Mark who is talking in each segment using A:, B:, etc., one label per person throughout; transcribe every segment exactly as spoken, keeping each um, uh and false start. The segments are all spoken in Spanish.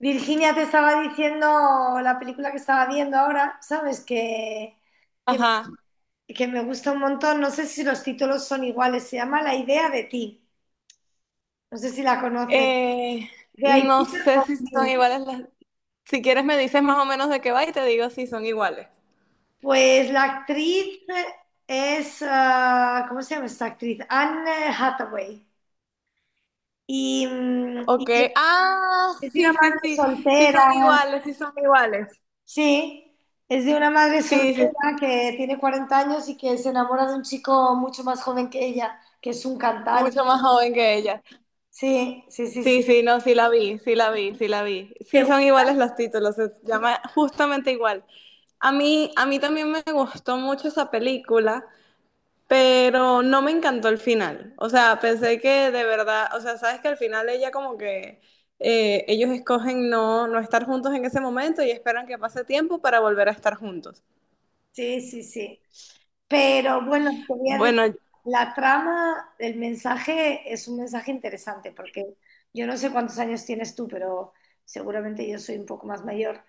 A: Virginia, te estaba diciendo la película que estaba viendo ahora, ¿sabes? Que, que,
B: Ajá.
A: que me gusta un montón. No sé si los títulos son iguales. Se llama La idea de ti. No sé si la conoces.
B: Eh,
A: The
B: no
A: Idea
B: sé
A: of
B: si son
A: You.
B: iguales las... Si quieres me dices más o menos de qué va y te digo si son iguales.
A: Pues la actriz es, ah, ¿cómo se llama esta actriz? Anne Hathaway. Y, mm, y
B: Ok.
A: es,
B: Ah,
A: es una
B: sí, sí,
A: madre
B: sí. Sí son
A: soltera.
B: iguales, sí son iguales.
A: Sí, es de una madre
B: Sí,
A: soltera
B: sí.
A: que tiene cuarenta años y que se enamora de un chico mucho más joven que ella, que es un cantante.
B: Mucho más joven que ella.
A: Sí, sí, sí, sí.
B: Sí, sí, no, sí la vi, sí la vi, sí la vi. Sí son iguales los títulos, se llama justamente igual. A mí, a mí también me gustó mucho esa película. Pero no me encantó el final. O sea, pensé que de verdad, o sea, sabes que al final ella como que eh, ellos escogen no, no estar juntos en ese momento y esperan que pase tiempo para volver a estar juntos.
A: Sí, sí, sí. Pero bueno, te voy a decir,
B: Bueno,
A: la trama, el mensaje es un mensaje interesante porque yo no sé cuántos años tienes tú, pero seguramente yo soy un poco más mayor.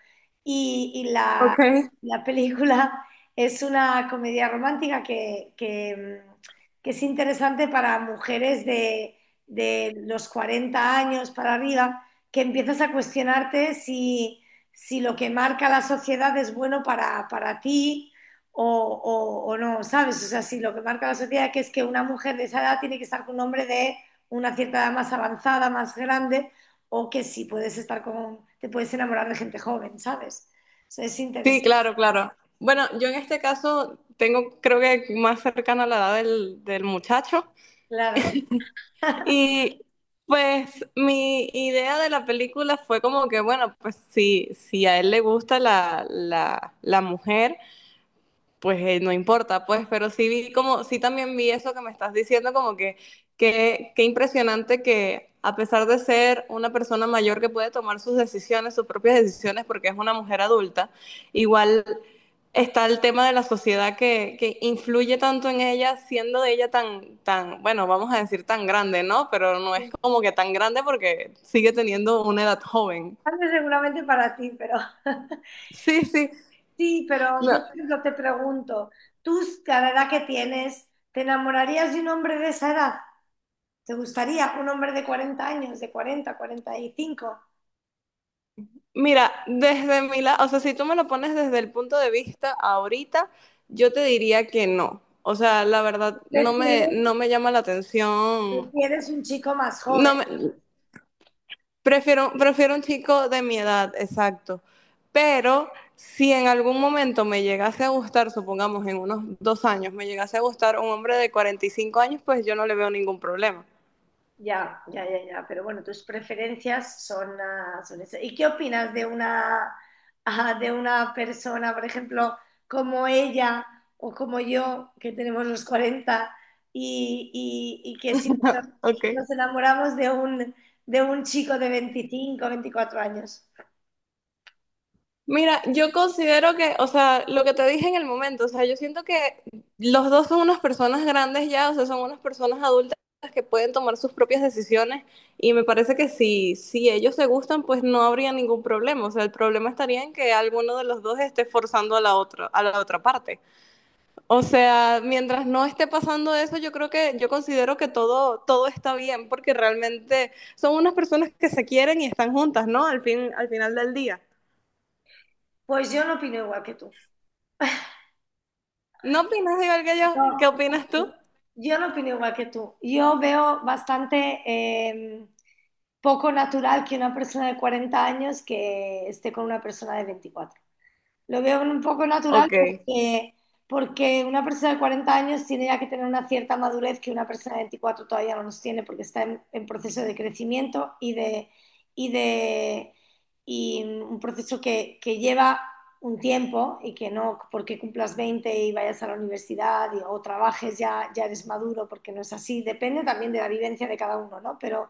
A: Y, y la,
B: ok.
A: la película es una comedia romántica que, que, mm, que es interesante para mujeres de, de los cuarenta años para arriba, que empiezas a cuestionarte si, si lo que marca la sociedad es bueno para, para ti o, o- o no, ¿sabes? O sea, sí, lo que marca la sociedad que es que una mujer de esa edad tiene que estar con un hombre de una cierta edad más avanzada, más grande, o que sí puedes estar con, te puedes enamorar de gente joven, ¿sabes? Eso es
B: Sí,
A: interesante,
B: claro, claro. Bueno, yo en este caso tengo, creo que más cercana a la edad del, del muchacho.
A: claro.
B: Y pues mi idea de la película fue como que, bueno, pues si, si a él le gusta la, la, la mujer pues eh, no importa, pues, pero sí vi como, sí también vi eso que me estás diciendo, como que, que, qué impresionante que a pesar de ser una persona mayor que puede tomar sus decisiones, sus propias decisiones, porque es una mujer adulta, igual está el tema de la sociedad que, que influye tanto en ella, siendo de ella tan, tan, bueno, vamos a decir tan grande, ¿no? Pero no es como que tan grande porque sigue teniendo una edad joven.
A: Antes seguramente para ti, pero
B: Sí, sí.
A: sí, pero
B: No,
A: yo, por ejemplo, te pregunto, tú, a la edad que tienes, ¿te enamorarías de un hombre de esa edad? ¿Te gustaría un hombre de cuarenta años, de cuarenta, cuarenta y cinco?
B: mira, desde mi lado, o sea, si tú me lo pones desde el punto de vista ahorita, yo te diría que no. O sea, la verdad, no me,
A: ¿Prefieres,
B: no me llama la atención.
A: prefieres un chico más joven?
B: No me, prefiero, prefiero un chico de mi edad, exacto. Pero si en algún momento me llegase a gustar, supongamos en unos dos años, me llegase a gustar un hombre de cuarenta y cinco años, pues yo no le veo ningún problema.
A: Ya, ya, ya, ya. Pero bueno, tus preferencias son, ah, son esas. ¿Y qué opinas de una, ah, de una persona, por ejemplo, como ella o como yo, que tenemos los cuarenta y, y- y que sí,
B: Ok.
A: nos enamoramos de un, de un chico de veinticinco, veinticuatro años?
B: Mira, yo considero que, o sea, lo que te dije en el momento, o sea, yo siento que los dos son unas personas grandes ya, o sea, son unas personas adultas que pueden tomar sus propias decisiones y me parece que si, si ellos se gustan, pues no habría ningún problema, o sea, el problema estaría en que alguno de los dos esté forzando a la otra, a la otra parte. O sea, mientras no esté pasando eso, yo creo que, yo considero que todo, todo está bien porque realmente son unas personas que se quieren y están juntas, ¿no? Al fin, al final del día.
A: Pues yo no opino igual que tú.
B: ¿No opinas igual que yo?
A: No,
B: ¿Qué
A: no,
B: opinas tú?
A: yo no opino igual que tú. Yo veo bastante, em, poco natural que una persona de cuarenta años que esté con una persona de veinticuatro. Lo veo un poco natural
B: Ok,
A: porque, porque una persona de cuarenta años tiene ya que tener una cierta madurez que una persona de veinticuatro todavía no los tiene porque está en, en proceso de crecimiento y de, y de y un proceso que, que lleva un tiempo, y que no porque cumplas veinte y vayas a la universidad y, o trabajes ya, ya eres maduro, porque no es así. Depende también de la vivencia de cada uno, ¿no? Pero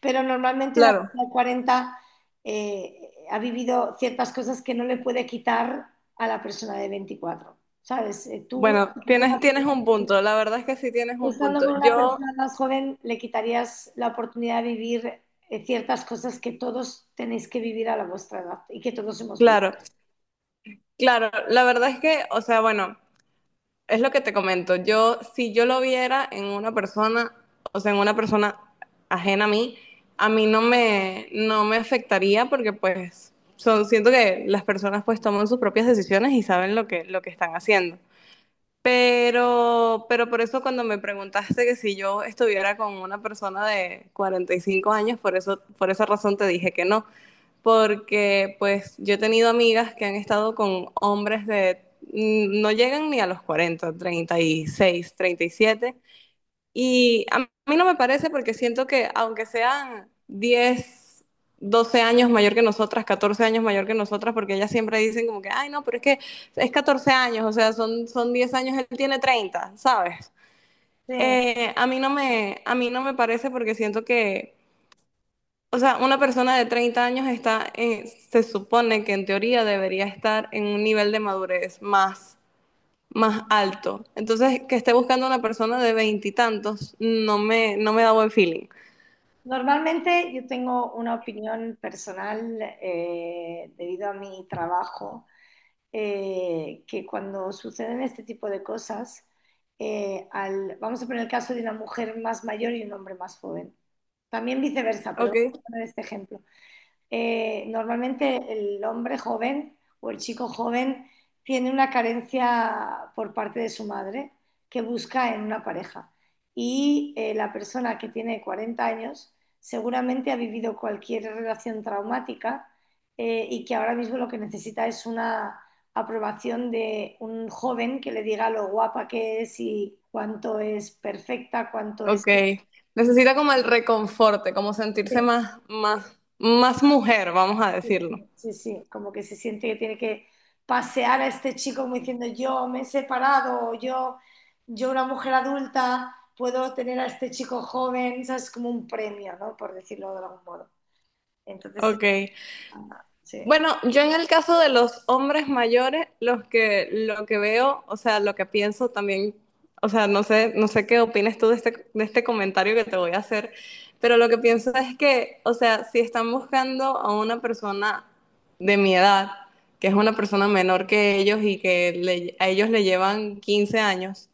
A: pero normalmente una
B: claro.
A: persona de cuarenta eh, ha vivido ciertas cosas que no le puede quitar a la persona de veinticuatro. ¿Sabes? Eh, Tú,
B: Bueno,
A: tú
B: tienes, tienes un punto, la verdad es que sí tienes un
A: estando
B: punto.
A: con una persona
B: Yo,
A: más joven le quitarías la oportunidad de vivir eh, ciertas cosas que todos tenéis que vivir a la vuestra edad y que todos hemos vivido.
B: claro, claro, la verdad es que, o sea, bueno, es lo que te comento. Yo, si yo lo viera en una persona, o sea, en una persona ajena a mí, a mí no me, no me afectaría porque pues son, siento que las personas pues toman sus propias decisiones y saben lo que, lo que están haciendo. Pero, pero por eso cuando me preguntaste que si yo estuviera con una persona de cuarenta y cinco años, por eso, por esa razón te dije que no, porque pues yo he tenido amigas que han estado con hombres de, mm, no llegan ni a los cuarenta treinta y seis treinta y siete y a mí no me parece porque siento que aunque sean diez, doce años mayor que nosotras, catorce años mayor que nosotras, porque ellas siempre dicen como que, ay, no, pero es que es catorce años, o sea, son, son diez años, él tiene treinta, ¿sabes?
A: Sí.
B: Eh, a mí no me, a mí no me parece porque siento que, o sea, una persona de treinta años está, en- se supone que en teoría debería estar en un nivel de madurez más más alto. Entonces, que esté buscando una persona de veintitantos, no me, no me da buen feeling.
A: Normalmente yo tengo una opinión personal, eh, debido a mi trabajo, eh, que cuando suceden este tipo de cosas, eh, al- vamos a poner el caso de una mujer más mayor y un hombre más joven. También viceversa, pero vamos
B: Ok,
A: a poner este ejemplo eh, normalmente el hombre joven o el chico joven tiene una carencia por parte de su madre que busca en una pareja. Y eh, la persona que tiene cuarenta años seguramente ha vivido cualquier relación traumática, eh, y que ahora mismo lo que necesita es una aprobación de un joven que le diga lo guapa que es y cuánto es perfecta, cuánto es
B: ok. Necesita como el reconforte, como sentirse
A: este
B: más, más, más mujer, vamos a decirlo.
A: Sí, sí, como que se siente que tiene que pasear a este chico como diciendo: yo me he separado, o yo, yo una mujer adulta, puedo tener a este chico joven, ¿sabes? Como un premio, ¿no? Por decirlo de algún modo. Entonces,
B: Ok.
A: sí.
B: Bueno, yo en el caso de los hombres mayores, los que lo que veo, o sea, lo que pienso también, o sea, no sé, no sé qué opinas tú de este, de este comentario que te voy a hacer, pero lo que pienso es que, o sea, si están buscando a una persona de mi edad, que es una persona menor que ellos y que le- a ellos le llevan quince años,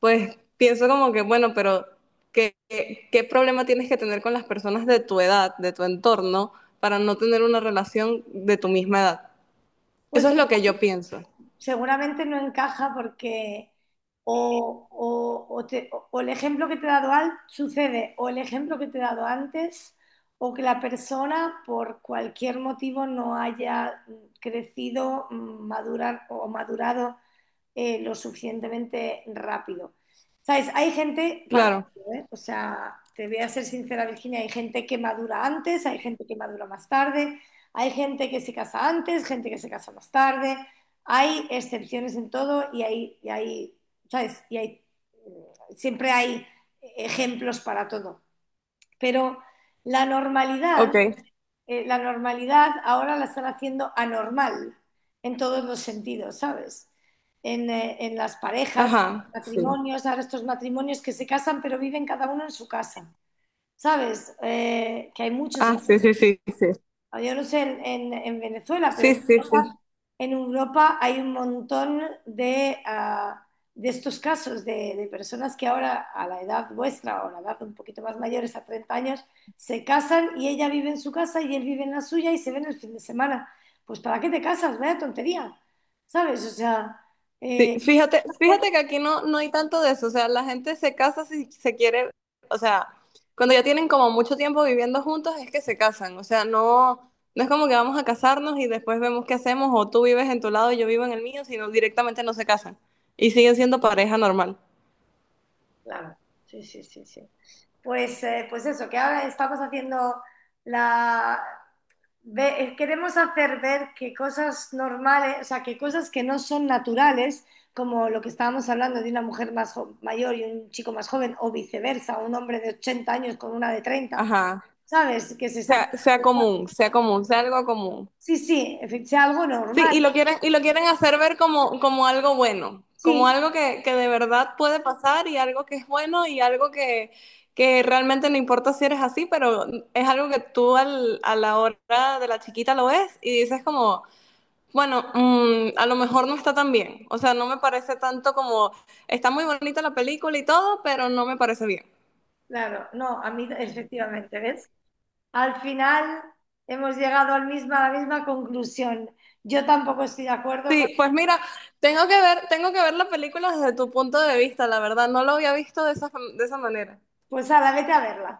B: pues pienso como que, bueno, pero ¿qué, qué, qué problema tienes que tener con las personas de tu edad, de tu entorno, para no tener una relación de tu misma edad? Eso
A: Pues
B: es lo que yo pienso.
A: seguramente no encaja porque o, o- o te- o- el ejemplo que te he dado al, sucede, o el ejemplo que te he dado antes, o que la persona por cualquier motivo no haya crecido, mm, madurar o madurado, eh, lo suficientemente rápido. ¿Sabes? Hay gente para
B: Claro.
A: todo, ¿eh? O sea, te voy a ser sincera, Virginia, hay gente que madura antes, hay gente que madura más tarde, hay gente que se casa antes, gente que se casa más tarde, hay excepciones en todo y hay, y hay, ¿sabes? Y hay, siempre hay ejemplos para todo. Pero la normalidad
B: Ok.
A: eh, la normalidad ahora la están haciendo anormal en todos los sentidos, ¿sabes? En, eh, en las parejas,
B: Ajá. Sí.
A: matrimonios, ahora estos matrimonios que se casan pero viven cada uno en su casa, ¿sabes? Eh, que hay muchos.
B: Ah, sí, sí, sí, sí.
A: Ah, Yo no sé en, en- en Venezuela, pero
B: Sí,
A: en
B: sí,
A: Europa,
B: sí.
A: en Europa, hay un montón de, ah, de estos casos de, de personas que ahora, a la edad vuestra o a la edad un poquito más mayores, a treinta años, se casan y ella vive en su casa y él vive en la suya y se ven el fin de semana. Pues, ¿para qué te casas? Vaya tontería, ¿sabes? O sea,
B: Sí,
A: eh,
B: fíjate, fíjate que aquí no, no hay tanto de eso, o sea, la gente se casa si se quiere, o sea, cuando ya tienen como mucho tiempo viviendo juntos es que se casan, o sea, no, no es como que vamos a casarnos y después vemos qué hacemos, o tú vives en tu lado y yo vivo en el mío, sino directamente no se casan y siguen siendo pareja normal.
A: claro, sí, sí, sí, sí. Pues, eh, pues eso, que ahora estamos haciendo la... ve- eh, queremos hacer ver que cosas normales, o sea, que cosas que no son naturales, como lo que estábamos hablando de una mujer más jo- mayor y un chico más joven, o viceversa, un hombre de ochenta años con una de treinta,
B: Ajá,
A: ¿sabes? Que se saca.
B: sea, sea común, sea común, sea algo común.
A: Sí, sí, efe- sea algo
B: Sí,
A: normal.
B: y lo quieren, y lo quieren hacer ver como, como algo bueno, como
A: Sí,
B: algo que, que de verdad puede pasar y algo que es bueno y algo que, que realmente no importa si eres así, pero es algo que tú al- a la hora de la chiquita lo ves y dices como, bueno, mm, a lo mejor no está tan bien. O sea, no me parece tanto como, está muy bonita la película y todo, pero no me parece bien.
A: claro, no, a mí efectivamente, ¿ves? Al final hemos llegado al misma, a la misma conclusión. Yo tampoco estoy de acuerdo.
B: Sí, pues mira, tengo que ver, tengo que ver la película desde tu punto de vista, la verdad, no lo había visto de esa, de esa manera.
A: Pues ahora vete a verla.